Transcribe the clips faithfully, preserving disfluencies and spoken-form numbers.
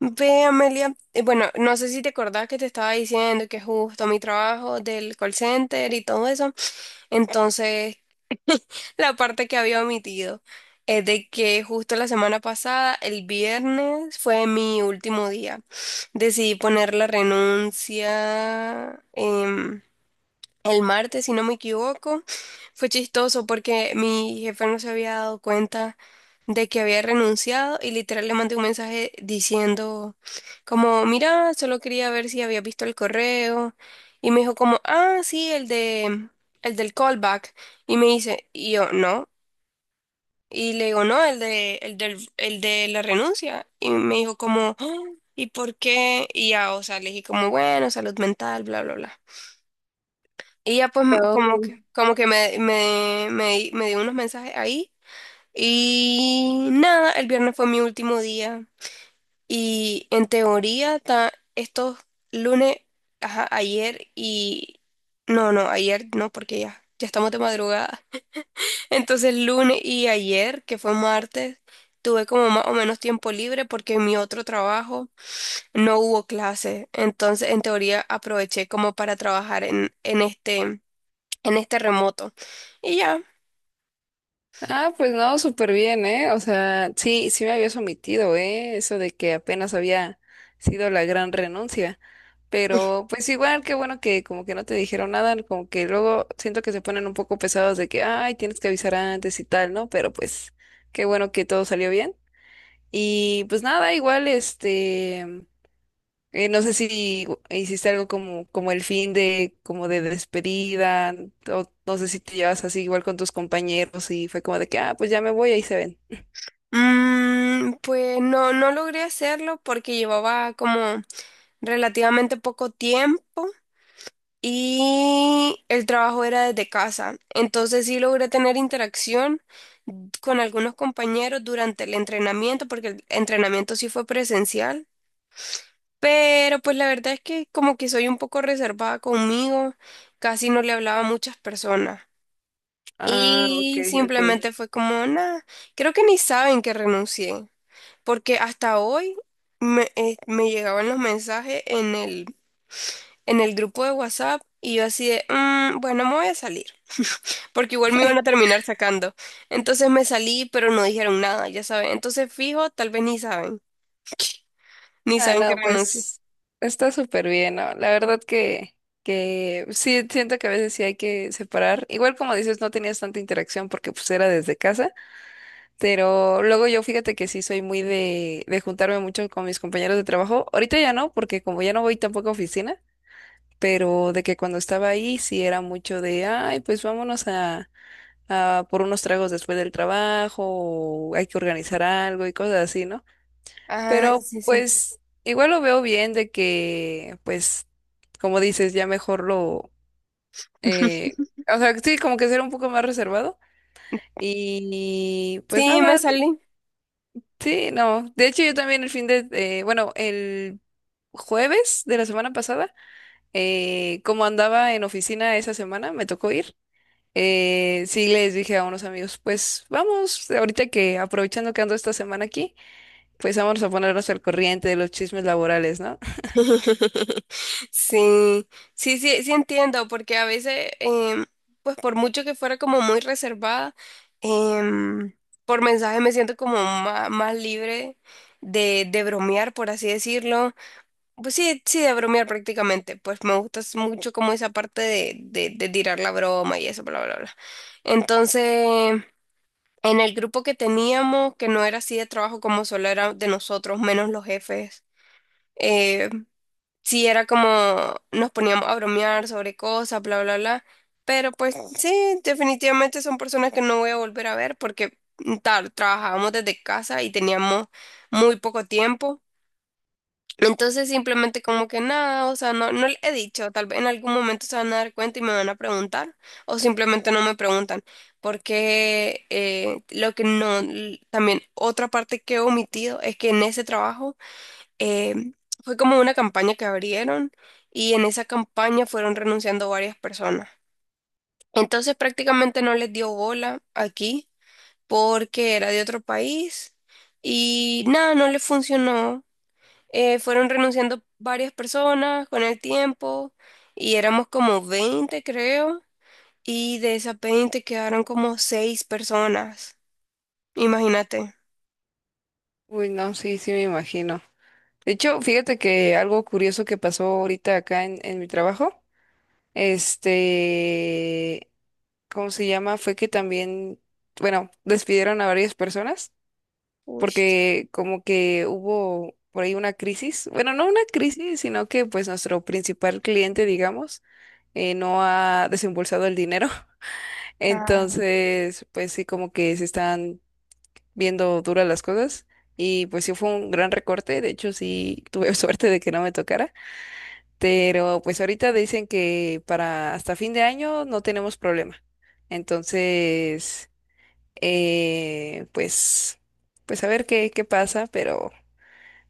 Ve, Amelia, eh, bueno, no sé si te acordás que te estaba diciendo que justo mi trabajo del call center y todo eso. Entonces, la parte que había omitido es de que justo la semana pasada, el viernes, fue mi último día. Decidí poner la renuncia. Em, el martes, si no me equivoco, fue chistoso porque mi jefe no se había dado cuenta de que había renunciado y literal le mandé un mensaje diciendo como, mira, solo quería ver si había visto el correo y me dijo como, ah, sí, el de, el del callback y me dice, y yo, no, y le digo, no, el de, el del, el de la renuncia y me dijo como: "Ah, ¿y por qué?". Y ya, o sea, le dije como, bueno, salud mental, bla, bla, bla. Y ya pues como Oh. que, como que me, me, me, me dio unos mensajes ahí. Y nada, el viernes fue mi último día. Y en teoría ta- estos lunes, ajá, ayer y... No, no, ayer no, porque ya, ya estamos de madrugada. Entonces lunes y ayer, que fue martes, tuve como más o menos tiempo libre porque en mi otro trabajo no hubo clase. Entonces en teoría aproveché como para trabajar en, en este en este remoto. Y ya, Ah, pues no, súper bien, ¿eh? O sea, sí, sí me habías omitido, ¿eh? Eso de que apenas había sido la gran renuncia. Pero pues igual, qué bueno que como que no te dijeron nada, como que luego siento que se ponen un poco pesados de que, ay, tienes que avisar antes y tal, ¿no? Pero pues qué bueno que todo salió bien. Y pues nada, igual, este... Eh, no sé si hiciste algo como, como el fin de, como de despedida, o no sé si te llevas así igual con tus compañeros y fue como de que, ah, pues ya me voy, ahí se ven. mm, pues no, no logré hacerlo porque llevaba como relativamente poco tiempo y el trabajo era desde casa. Entonces sí logré tener interacción con algunos compañeros durante el entrenamiento, porque el entrenamiento sí fue presencial. Pero pues la verdad es que como que soy un poco reservada conmigo, casi no le hablaba a muchas personas. Ah, ok, Y ok. simplemente fue como, nada, creo que ni saben que renuncié, porque hasta hoy me, eh, me llegaban los mensajes en el, en el grupo de WhatsApp y yo así de: "Mm, bueno, me voy a salir, porque igual me iban a terminar sacando". Entonces me salí, pero no dijeron nada, ya saben. Entonces fijo, tal vez ni saben, ni Ah, saben que no, renuncié. pues está súper bien, ¿no? La verdad que, que sí, siento que a veces sí hay que separar. Igual como dices, no tenías tanta interacción porque pues era desde casa, pero luego yo fíjate que sí soy muy de, de juntarme mucho con mis compañeros de trabajo. Ahorita ya no, porque como ya no voy tampoco a oficina, pero de que cuando estaba ahí sí era mucho de, ay, pues vámonos a, a por unos tragos después del trabajo, o hay que organizar algo y cosas así, ¿no? Ah, Pero sí, sí. pues igual lo veo bien de que, pues, como dices, ya mejor lo, eh, o sea, sí, como que ser un poco más reservado. Y pues Sí, me nada, salí. sí, no. De hecho, yo también el fin de, eh, bueno, el jueves de la semana pasada, eh, como andaba en oficina esa semana, me tocó ir. Eh, sí, les dije a unos amigos, pues vamos, ahorita que aprovechando que ando esta semana aquí, pues vamos a ponernos al corriente de los chismes laborales, ¿no? Sí, sí, sí, sí entiendo, porque a veces, em, pues por mucho que fuera como muy reservada, em, por mensaje me siento como ma- más libre de, de bromear, por así decirlo. Pues sí, sí, de bromear prácticamente, pues me gusta s- mucho como esa parte de, de, de tirar la broma y eso, bla, bla, bla. Entonces, en el grupo que teníamos, que no era así de trabajo como solo era de nosotros, menos los jefes. eh, sí era como nos poníamos a bromear sobre cosas, bla, bla, bla. Pero pues sí, definitivamente son personas que no voy a volver a ver porque mm, tal, trabajábamos desde casa y teníamos muy poco tiempo. Entonces simplemente como que nada, o sea, no, no le he dicho, tal vez en algún momento se van a dar cuenta y me van a preguntar o simplemente no me preguntan porque eh, lo que no, l- también otra parte que he omitido es que en ese trabajo eh, fue como una campaña que abrieron y en esa campaña fueron renunciando varias personas. Entonces prácticamente no les dio bola aquí porque era de otro país y nada, no les funcionó. Eh, fueron renunciando varias personas con el tiempo y éramos como veinte creo y de esas veinte quedaron como seis personas. Imagínate. Uy, no, sí, sí me imagino. De hecho, fíjate que algo curioso que pasó ahorita acá en, en mi trabajo, este, ¿cómo se llama? Fue que también, bueno, despidieron a varias personas, Uy. porque como que hubo por ahí una crisis, bueno, no una crisis, sino que pues nuestro principal cliente, digamos, eh, no ha desembolsado el dinero, entonces pues sí como que se están viendo duras las cosas y pues sí fue un gran recorte, de hecho sí tuve suerte de que no me tocara, pero pues ahorita dicen que para hasta fin de año no tenemos problema, entonces eh, pues pues a ver qué, qué pasa, pero...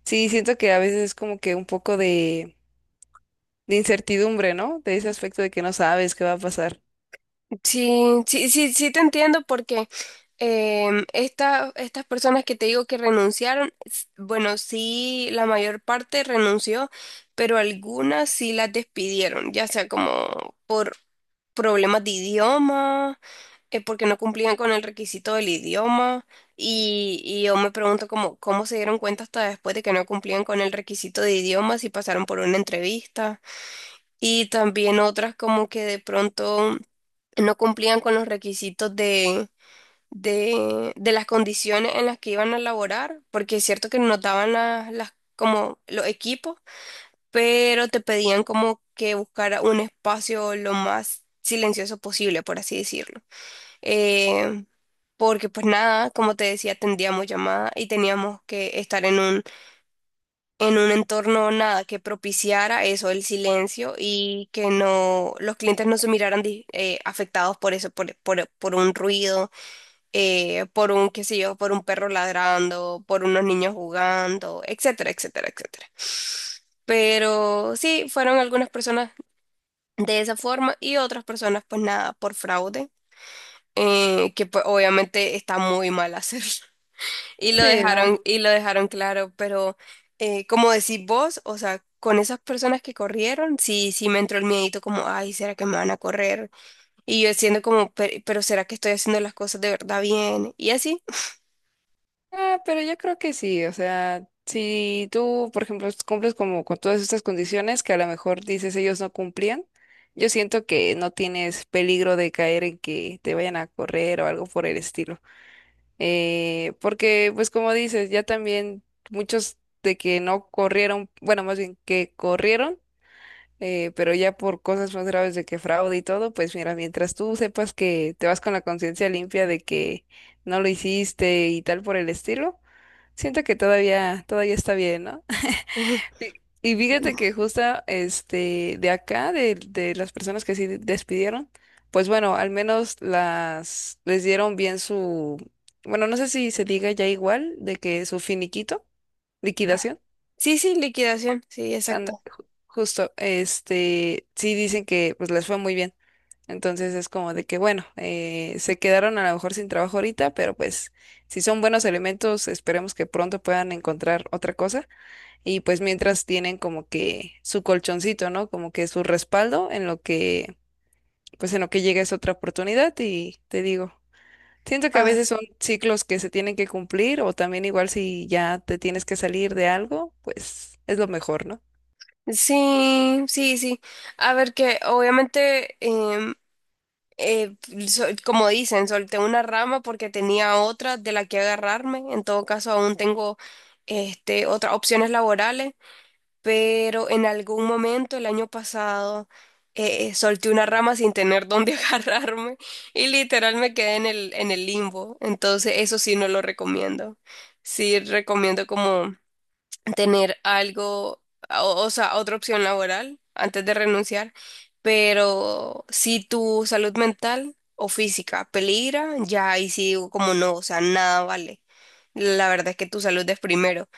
Sí, siento que a veces es como que un poco de, de incertidumbre, ¿no? De ese aspecto de que no sabes qué va a pasar. Sí, sí, sí, sí te entiendo porque em, esta- estas personas que te digo que renunciaron, s- bueno, sí, la mayor parte renunció, pero algunas sí las despidieron, ya sea como por problemas de idioma, eh, porque no cumplían con el requisito del idioma, y, y yo me pregunto cómo, cómo se dieron cuenta hasta después de que no cumplían con el requisito de idioma, si pasaron por una entrevista, y también otras como que de pronto no cumplían con los requisitos de, de, de las condiciones en las que iban a laborar, porque es cierto que nos daban las, las, como los equipos, pero te pedían como que buscara un espacio lo más silencioso posible, por así decirlo. Eh, porque pues nada, como te decía, tendríamos llamada y teníamos que estar en un en un entorno nada que propiciara eso, el silencio y que no los clientes no se miraran di- eh, afectados por eso, por, por, por un ruido, eh, por un, qué sé yo, por un perro ladrando, por unos niños jugando, etcétera, etcétera, etcétera. Pero sí, fueron algunas personas de esa forma y otras personas, pues nada, por fraude, eh, que pues obviamente está muy mal hacerlo. Y lo Sí, no. dejaron, y lo dejaron claro, pero eh, como decís vos, o sea, con esas personas que corrieron, sí, sí me entró el miedito como, ay, ¿será que me van a correr? Y yo siendo como: "Pe- pero, ¿será que estoy haciendo las cosas de verdad bien?". Y así. Ah, pero yo creo que sí, o sea, si tú, por ejemplo, cumples como con todas estas condiciones que a lo mejor dices ellos no cumplían, yo siento que no tienes peligro de caer en que te vayan a correr o algo por el estilo. Eh, porque, pues como dices, ya también muchos de que no corrieron, bueno, más bien que corrieron. Eh, pero ya por cosas más graves de que fraude y todo, pues mira, mientras tú sepas que te vas con la conciencia limpia de que no lo hiciste y tal por el estilo, siento que todavía, todavía está bien, ¿no? Ujú. Y y fíjate que justo este de acá, de, de las personas que sí despidieron, pues bueno, al menos las les dieron bien su, bueno, no sé si se diga ya igual, de que su finiquito, liquidación, Sí, sí, liquidación, sí, anda- exacto. justo, este, sí dicen que pues les fue muy bien. Entonces es como de que, bueno, eh, se quedaron a lo mejor sin trabajo ahorita, pero pues si son buenos elementos, esperemos que pronto puedan encontrar otra cosa. Y pues mientras tienen como que su colchoncito, ¿no? Como que su respaldo en lo que, pues en lo que llega es otra oportunidad y te digo. Siento que a Ah, veces son ciclos que se tienen que cumplir o también igual si ya te tienes que salir de algo, pues es lo mejor, ¿no? sí, sí, sí. A ver que obviamente, em, eh, sol- como dicen, solté una rama porque tenía otra de la que agarrarme. En todo caso, aún tengo este, otras opciones laborales. Pero en algún momento el año pasado eh, eh, solté una rama sin tener dónde agarrarme y literal me quedé en el, en el limbo. Entonces, eso sí no lo recomiendo. Sí recomiendo como tener algo, o, o sea, otra opción laboral antes de renunciar, pero si tu salud mental o física peligra, ya ahí sí digo como no, o sea, nada vale. La verdad es que tu salud es primero.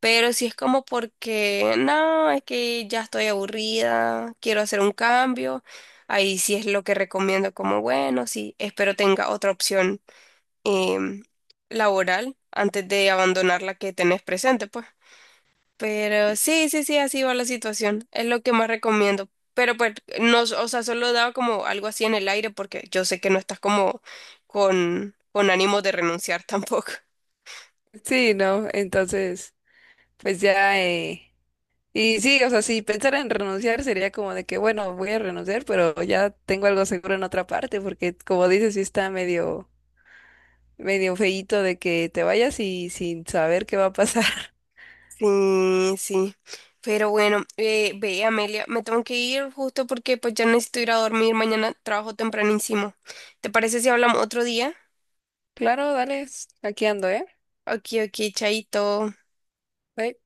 Pero si es como porque, no, es que ya estoy aburrida, quiero hacer un cambio, ahí sí es lo que recomiendo como, bueno, sí, espero tenga otra opción em, laboral antes de abandonar la que tenés presente, pues. Pero sí, sí, sí, así va la situación. Es lo que más recomiendo. Pero pues, no, o sea, solo daba como algo así en el aire porque yo sé que no estás como con, con ánimo de renunciar tampoco. Sí, no, entonces, pues ya, eh, y sí, o sea, si pensara en renunciar sería como de que, bueno, voy a renunciar, pero ya tengo algo seguro en otra parte, porque como dices, sí está medio, medio feíto de que te vayas y sin saber qué va a pasar. Sí, sí. Pero bueno, eh, ve, Amelia, me tengo que ir justo porque pues ya necesito ir a dormir. Mañana trabajo tempranísimo. ¿Te parece si hablamos otro día? Claro, dale, aquí ando, ¿eh? Ok, ok, chaito. Bye.